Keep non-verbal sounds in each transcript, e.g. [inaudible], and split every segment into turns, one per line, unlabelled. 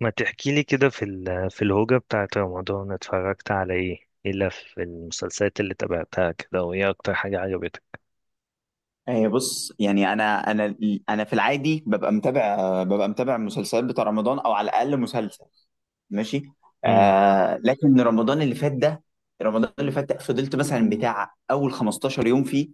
ما تحكي لي كده في الهوجة بتاعت رمضان، اتفرجت على ايه الا في المسلسلات اللي تابعتها كده؟ وايه اكتر حاجة عجبتك؟
هي بص يعني انا انا في العادي ببقى متابع المسلسلات بتاع رمضان او على الاقل مسلسل. ماشي.
امم.
آه، لكن رمضان اللي فات ده فضلت مثلا بتاع اول 15 يوم فيه،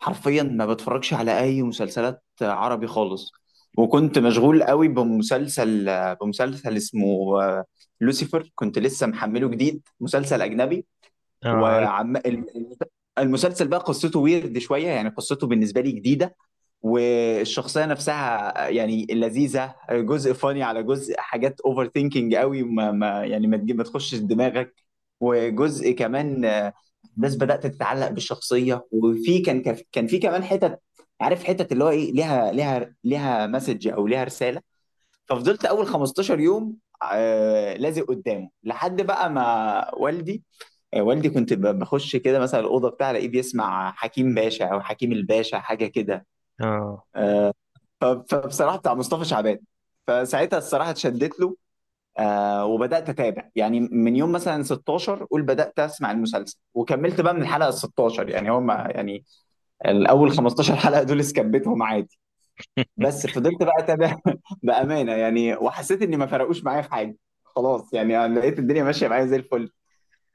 حرفيا ما بتفرجش على اي مسلسلات عربي خالص. وكنت مشغول قوي بمسلسل اسمه آه، لوسيفر، كنت لسه محمله جديد، مسلسل اجنبي.
اه، عارف.
وعم الم- المسلسل بقى قصته ويرد شويه، يعني قصته بالنسبه لي جديده، والشخصيه نفسها يعني لذيذه، جزء فاني على جزء، حاجات اوفر ثينكينج قوي، ما ما يعني ما تخشش دماغك. وجزء كمان، الناس بدات تتعلق بالشخصيه، وفي كان كان كان في كمان حتت، عارف حتت اللي هو ايه، ليها مسج او ليها رساله. ففضلت اول 15 يوم لازق قدامه لحد بقى ما والدي، والدي كنت بخش كده مثلا الاوضه بتاعه، الاقيه بيسمع حكيم باشا او حكيم الباشا، حاجه كده،
اه.
فبصراحه بتاع مصطفى شعبان. فساعتها الصراحه اتشدت له، آه، وبدات اتابع يعني من يوم مثلا 16، قول بدات اسمع المسلسل، وكملت بقى من الحلقه ال 16 يعني، هم يعني الاول 15 حلقه دول سكبتهم عادي، بس فضلت بقى اتابع [laughs] بامانه يعني، وحسيت اني ما فرقوش معايا في حاجه. خلاص يعني، أنا لقيت الدنيا ماشيه معايا زي الفل،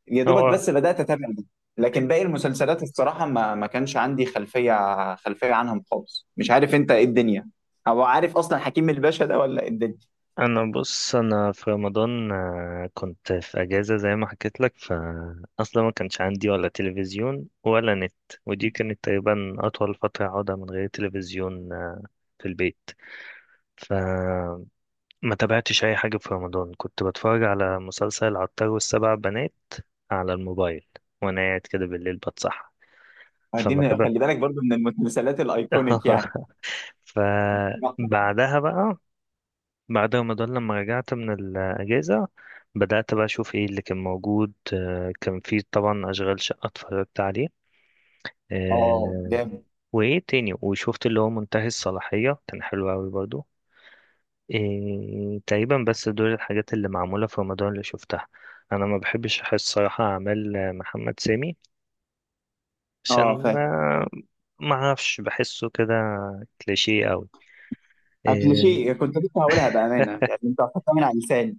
يا دوبك
هو،
بس بدأت أتابع دي. لكن باقي المسلسلات الصراحة ما ما كانش عندي خلفية عنهم خالص، مش عارف أنت إيه الدنيا، أو عارف أصلا حكيم الباشا ده ولا إيه الدنيا.
انا بص، انا في رمضان كنت في اجازة زي ما حكيت لك، فاصلا ما كانش عندي ولا تلفزيون ولا نت. ودي كانت تقريبا اطول فترة اقعدها من غير تلفزيون في البيت. ف ما تابعتش اي حاجه في رمضان، كنت بتفرج على مسلسل العطار والسبع بنات على الموبايل، وانا قاعد كده بالليل بتصحى.
ما دي
فما تابع
خلي بالك برضو من المسلسلات الأيكونيك يعني.
[laughs] فبعدها بقى، بعد رمضان لما رجعت من الاجازه، بدات بقى اشوف ايه اللي كان موجود. كان في طبعا اشغال شقه اتفرجت عليه.
اه
آه،
جامد.
وايه تاني؟ وشفت اللي هو منتهي الصلاحيه، كان حلو قوي برضو. إيه، تقريبا بس دول الحاجات اللي معمولة في رمضان اللي شفتها. أنا ما بحبش أحس صراحة أعمال محمد سامي،
اه
عشان
فاهم.
ما أعرفش، بحسه كده كليشيه أوي.
أكل
إيه،
شيء كنت لسه هقولها بأمانة يعني، أنت حطها من على لساني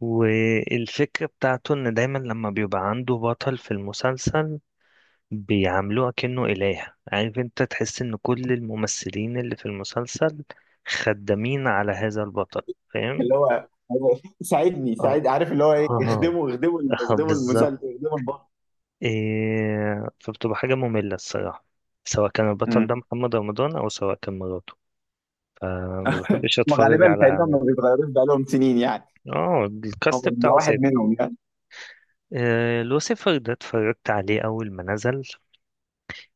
والفكرة بتاعته إن دايما لما بيبقى عنده بطل في المسلسل بيعاملوه كأنه إله، عارف أنت، تحس إن كل الممثلين اللي في المسلسل خدامين على هذا البطل. فاهم؟
اللي هو [laughs] ساعدني
اه،
ساعد، عارف اللي هو إيه،
اه. [laughs]
اخدموا
بالظبط.
المسلسل، اخدموا البطل.
إيه، فبتبقى حاجة مملة الصراحة، سواء كان البطل ده
مم.
محمد رمضان أو سواء كان مراته. فما بحبش أتفرج
وغالبا
على
تقريبا
أعمال.
ما بيتغيروش بقالهم سنين يعني،
اه،
هو
الكاست
ده
بتاعه
واحد
ثابت.
منهم يعني.
إيه، لوسيفر ده اتفرجت عليه أول ما نزل،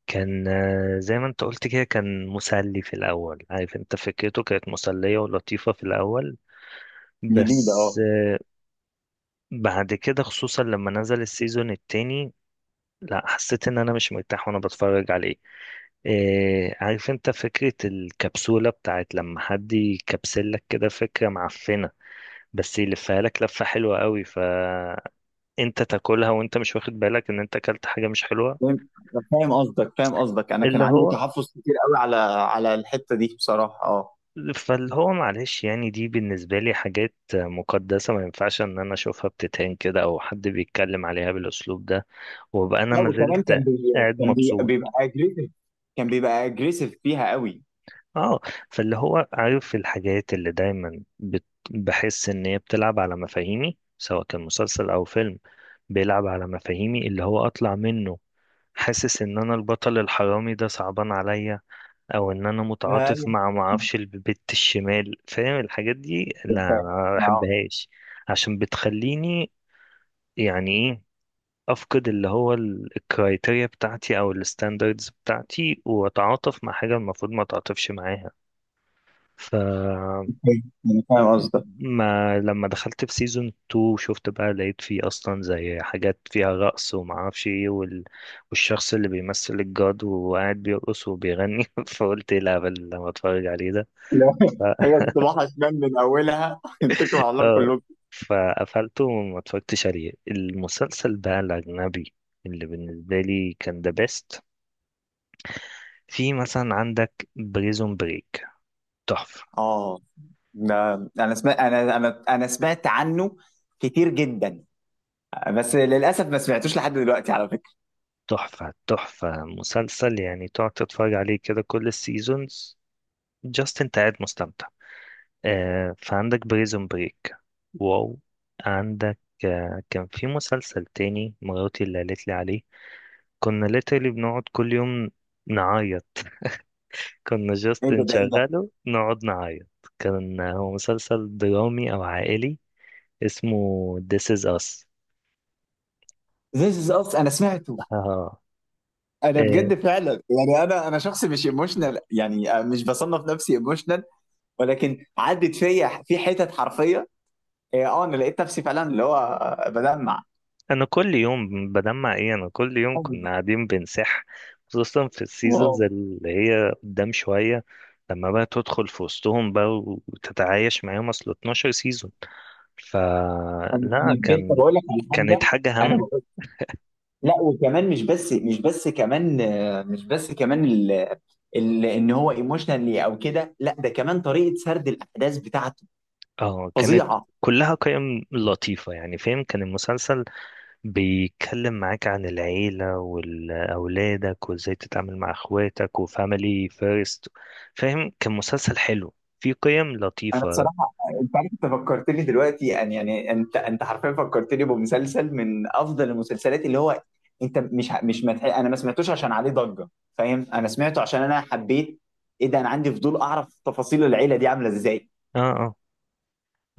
كان زي ما انت قلت كده، كان مسلي في الأول، عارف انت، فكرته كانت مسلية ولطيفة في الأول.
جديده
بس
اه.
بعد كده، خصوصا لما نزل السيزون التاني، لا، حسيت ان انا مش مرتاح وانا بتفرج عليه. إيه، عارف انت، فكرة الكبسولة بتاعت لما حد يكبسلك كده، فكرة معفنة. بس يلفها لك لفة حلوة قوي، فانت تاكلها وانت مش واخد بالك ان انت اكلت حاجة مش حلوة.
فاهم، فاهم قصدك فاهم قصدك، انا كان
اللي
عندي
هو
تحفظ كتير قوي على على الحته دي بصراحه، اه.
فاللي هو معلش، يعني دي بالنسبة لي حاجات مقدسة، ما ينفعش ان انا اشوفها بتتهان كده، او حد بيتكلم عليها بالاسلوب ده، وابقى انا
لا
ما
وكمان
زلت قاعد مبسوط.
بيبقى اجريسيف فيها قوي.
اه، فاللي هو عارف الحاجات اللي دايما بحس ان هي بتلعب على مفاهيمي، سواء كان مسلسل او فيلم، بيلعب على مفاهيمي اللي هو اطلع منه، حاسس ان انا البطل الحرامي ده صعبان عليا، او ان انا متعاطف
أيوة.
مع، معرفش، البت الشمال. فاهم؟ الحاجات دي لا، أنا
فاهم.
ما
آه.
بحبهاش. عشان بتخليني، يعني ايه، افقد اللي هو الكرايتيريا بتاعتي او الستاندردز بتاعتي، واتعاطف مع حاجة المفروض ما اتعاطفش معاها. ف
أوكي، انا فاهم قصدك.
ما لما دخلت في سيزون 2، شفت بقى، لقيت فيه اصلا زي حاجات فيها رقص وما اعرفش ايه والشخص اللي بيمثل الجاد وقاعد بيرقص وبيغني، [laughs] فقلت ايه الهبل اللي أنا بتفرج عليه ده.
لو
ف...
[laughs]
[laughs]
هي الصباح شمال من اولها، [laughs] اتكلوا على الله
آه.
كلكم.
فقفلته وما اتفرجتش عليه. المسلسل بقى الاجنبي اللي بالنسبه لي كان ذا بيست، في مثلا عندك بريزون بريك، تحفه
اه ده، انا سمعت عنه كتير جدا، بس للاسف ما سمعتوش لحد دلوقتي على فكره.
تحفه تحفه، مسلسل يعني تقعد تتفرج عليه كده كل السيزونز، جاست انت قاعد مستمتع. آه، فعندك بريزون بريك، واو. عندك كان في مسلسل تاني مراتي اللي قالت لي عليه، كنا ليترلي بنقعد كل يوم نعيط، [laughs] كنا
ايه
جاست
ده، ايه ده؟
نشغله نقعد نعيط. كان هو مسلسل درامي أو عائلي، اسمه This Is Us.
This is us، انا سمعته.
[laughs] آه.
انا بجد فعلا يعني، انا شخص مش ايموشنال يعني، مش بصنف نفسي ايموشنال، ولكن عدت فيا في حتت حرفيه. إيه، اه انا لقيت نفسي فعلا اللي هو، بدمع.
انا كل يوم بدمع. ايه، انا كل يوم كنا قاعدين بنسح، خصوصا في
واو.
السيزونز اللي هي قدام شوية، لما بقى تدخل في وسطهم بقى وتتعايش معاهم، اصل 12 سيزون.
انا
فلا،
بجد
كان،
بقول لك على
كانت
حاجه،
حاجة
انا
هم.
بقول، لا وكمان مش بس كمان ان هو ايموشنال او كده، لا ده كمان طريقه سرد الاحداث بتاعته
اه، كانت
فظيعه.
كلها قيم لطيفة، يعني فاهم، كان المسلسل بيتكلم معاك عن العيلة والأولادك وازاي تتعامل مع اخواتك وفاميلي فيرست. فاهم؟ كان مسلسل حلو فيه قيم
انا
لطيفة.
بصراحه، انت عارف انت فكرتني دلوقتي يعني يعني انت حرفيا فكرتني بمسلسل من افضل المسلسلات اللي هو، انت مش ه- مش متح... انا ما سمعتوش عشان عليه ضجه، فاهم؟ انا سمعته عشان انا حبيت. ايه ده، انا عندي فضول اعرف تفاصيل العيله دي عامله ازاي.
اه، اه.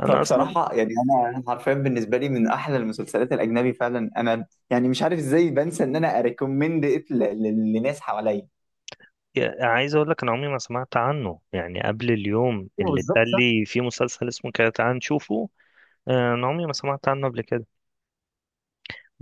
انا اصلا،
فبصراحه يعني، انا حرفيا بالنسبه لي من احلى المسلسلات الاجنبي فعلا، انا يعني مش عارف ازاي بنسى ان انا اريكومند ات لناس حواليا.
عايز اقول لك انا عمري ما سمعت عنه، يعني قبل اليوم
أيوة
اللي
بالظبط
اتقال
صح.
لي في مسلسل اسمه كده، تعال نشوفه. انا عمري ما سمعت عنه قبل كده،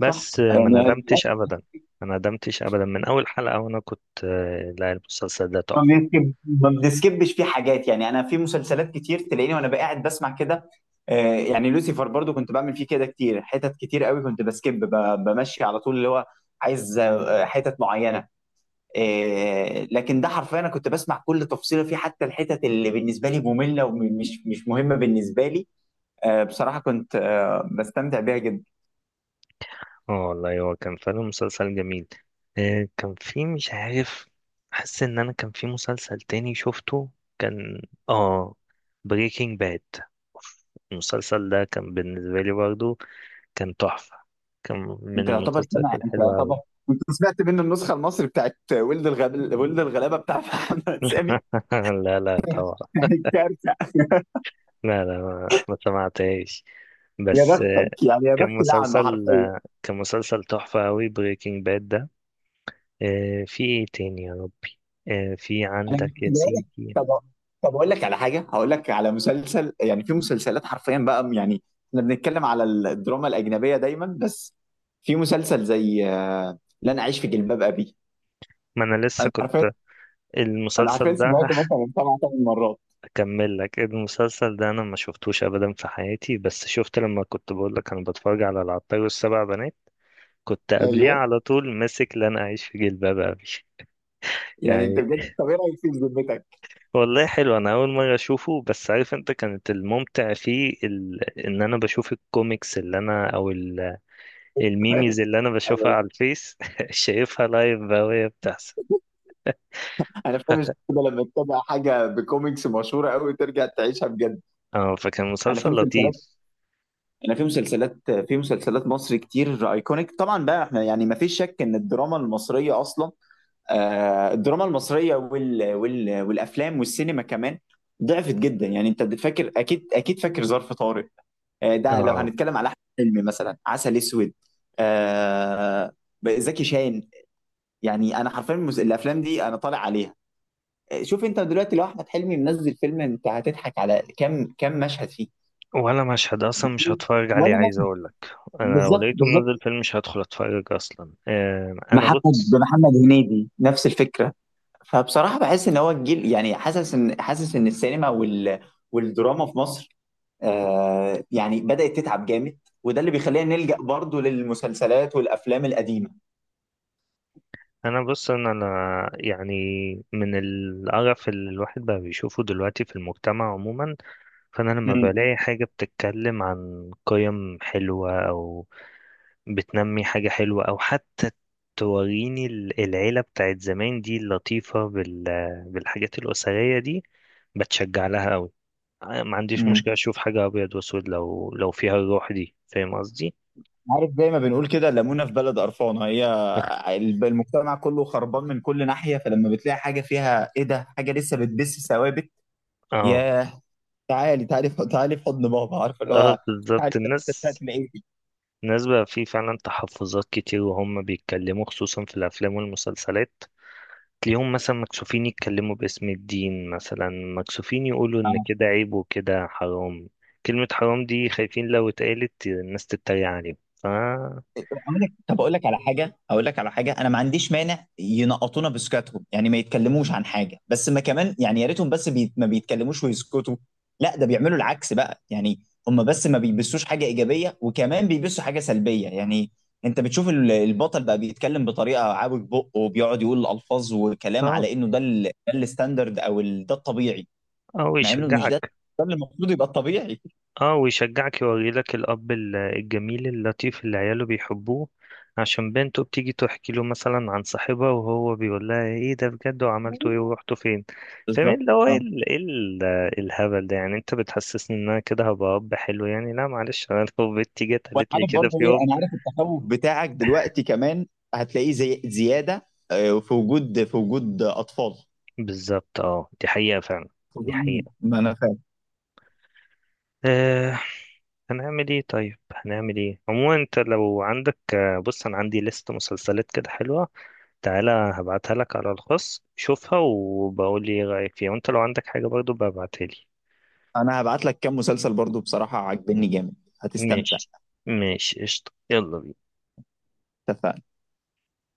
صح
ما
يعني
ندمتش ابدا، ما ندمتش ابدا. من اول حلقة وانا كنت لا، المسلسل ده تحفة.
ما بنسكبش فيه حاجات يعني. انا في مسلسلات كتير تلاقيني وانا قاعد بسمع كده، يعني لوسيفر برضو كنت بعمل فيه كده كتير، حتت كتير قوي كنت بسكب، بمشي على طول، اللي هو عايز حتت معينه. لكن ده حرفيا انا كنت بسمع كل تفصيله فيه، حتى الحتت اللي بالنسبه لي ممله ومش مش مهمه بالنسبه لي، بصراحه كنت بستمتع بيها جدا.
اه، والله هو كان فعلا مسلسل جميل. كان في، مش عارف، حاسس ان انا كان في مسلسل تاني شفته، كان، اه بريكنج باد. المسلسل ده كان بالنسبة لي برضو كان تحفة، كان من المسلسلات
انت
الحلوة أوي.
يعتبر انت سمعت منه النسخه المصري بتاعت ولد الغلابه، بتاع محمد سامي.
[laughs] لا، لا، طبعا.
[laughs] كانت كارثه.
لا، لا، ما سمعتهاش.
يا
بس
بختك يعني يا
كان
بختي لعنه
مسلسل
حرفيا.
كان مسلسل تحفة أوي، بريكنج باد ده. في إيه تاني يا ربي؟ في
انا
عندك
كنت
يا
بقول لك.
سيدي.
طب، طب اقول لك على حاجه هقول لك على مسلسل، يعني في مسلسلات حرفيا بقى يعني، احنا بنتكلم على الدراما الاجنبيه دايما. بس في مسلسل زي لن اعيش في جلباب ابي.
ما أنا لسه
انا حرفيا
كنت،
انا حرفيا
المسلسل ده
سمعته
[laughs]
مثلا سبع ثمان مرات.
أكمل لك، المسلسل ده أنا ما شفتوش أبدا في حياتي، بس شفت لما كنت بقول لك أنا بتفرج على العطار والسبع بنات، كنت قبليه
ايوه
على طول ماسك لن أعيش في جلباب أبي. [laughs]
يعني انت
يعني،
بجد، طب ايه رايك فيه بذمتك؟
والله حلو، انا اول مره اشوفه. بس عارف انت، كانت الممتع فيه ان انا بشوف الكوميكس اللي انا، او الميميز
[laughs]
اللي انا بشوفها
ايوه.
على الفيس، [laughs] شايفها لايف بقى وهي بتحصل.
انا فاهم، مش كده لما تتابع حاجه بكوميكس مشهوره قوي ترجع تعيشها بجد.
اه، فكان
انا
مسلسل
في مسلسلات
لطيف.
انا في مسلسلات في مسلسلات مصر كتير ايكونيك طبعا بقى، احنا يعني ما فيش شك ان الدراما المصريه اصلا، الدراما المصريه والافلام والسينما كمان ضعفت جدا يعني. انت بتفكر، اكيد اكيد فاكر ظرف طارق. ده لو
اه،
هنتكلم على احمد حلمي مثلا عسل اسود، آه، زكي شان، يعني انا حرفيا الافلام دي انا طالع عليها. شوف انت دلوقتي لو احمد حلمي منزل فيلم، انت هتضحك على كم مشهد فيه،
ولا مشهد اصلا مش هتفرج عليه،
ولا
عايز
مشهد.
اقول لك. انا لو
بالظبط
لقيته منزل
بالظبط.
فيلم مش هدخل اتفرج اصلا. انا
محمد
بص،
بمحمد هنيدي نفس الفكره. فبصراحه بحس ان هو الجيل يعني، حاسس ان السينما والدراما في مصر يعني بدات تتعب جامد، وده اللي بيخلينا نلجأ برضه للمسلسلات والافلام القديمه.
ان انا يعني من القرف اللي الواحد بقى بيشوفه دلوقتي في المجتمع عموما، فانا لما
امم
بلاقي حاجة بتتكلم عن قيم حلوة، او بتنمي حاجة حلوة، او حتى توريني العيلة بتاعت زمان دي اللطيفة بالحاجات الأسرية دي، بتشجع لها قوي. ما عنديش
امم.
مشكلة اشوف حاجة ابيض واسود لو فيها الروح دي. فاهم قصدي؟
عارف زي ما بنقول كده، ليمونه في بلد قرفانه هي.
[laughs]
المجتمع كله خربان من كل ناحيه، فلما بتلاقي حاجه فيها ايه ده، حاجه لسه بتبث ثوابت،
اه،
ياه. تعالي، تعالي في حضن بابا، عارف اللي
اه،
هو، تعالي
بالظبط.
في الحتة بتاعت
الناس،
العيد.
الناس بقى في فعلا تحفظات كتير وهم بيتكلموا، خصوصا في الافلام والمسلسلات، تلاقيهم مثلا مكسوفين يتكلموا باسم الدين، مثلا مكسوفين يقولوا ان كده عيب وكده حرام. كلمة حرام دي خايفين لو اتقالت الناس تتريق عليهم. ف
طب اقول لك، طب اقول لك على حاجه اقول لك على حاجه، انا ما عنديش مانع ينقطونا بسكاتهم يعني، ما يتكلموش عن حاجه، بس ما كمان يعني، يا ريتهم بس ما بيتكلموش ويسكتوا. لا ده بيعملوا العكس بقى يعني، هم بس ما بيبثوش حاجه ايجابيه، وكمان بيبثوا حاجه سلبيه يعني، انت بتشوف البطل بقى بيتكلم بطريقه عاوج بقه، وبيقعد يقول الفاظ وكلام
اه،
على انه ده ده الستاندرد، او ده الطبيعي،
او
مع انه مش ده
يشجعك.
ده اللي المفروض يبقى الطبيعي.
اه، ويشجعك، يوريلك الأب الجميل اللطيف اللي عياله بيحبوه، عشان بنته بتيجي تحكي له مثلا عن صاحبها وهو بيقول لها ايه ده بجد، وعملتوا ايه، ورحتوا فين. فاهم
بالظبط.
اللي هو ايه الهبل ده؟ يعني انت بتحسسني ان انا كده هبقى أب حلو، يعني لا معلش، انا [laughs] لو بنتي جت
وانا
قالت لي
عارف
كده
برضه
في
ايه،
يوم،
انا عارف التخوف بتاعك دلوقتي كمان، هتلاقيه زي زياده في وجود، في وجود اطفال.
بالظبط. اه، دي حقيقة فعلا، دي
طبعاً.
حقيقة.
ما انا فاهم.
آه هنعمل ايه طيب؟ هنعمل ايه عموما؟ انت لو عندك بص، انا عندي لست مسلسلات كده حلوة، تعالى هبعتها لك على الخاص شوفها، وبقول لي ايه رأيك فيها، وانت لو عندك حاجة برضو ببعتها لي.
انا هبعت لك كام مسلسل برضه، بصراحه عاجبني جامد، هتستمتع.
ماشي، ماشي، قشطة، يلا بينا.
اتفقنا؟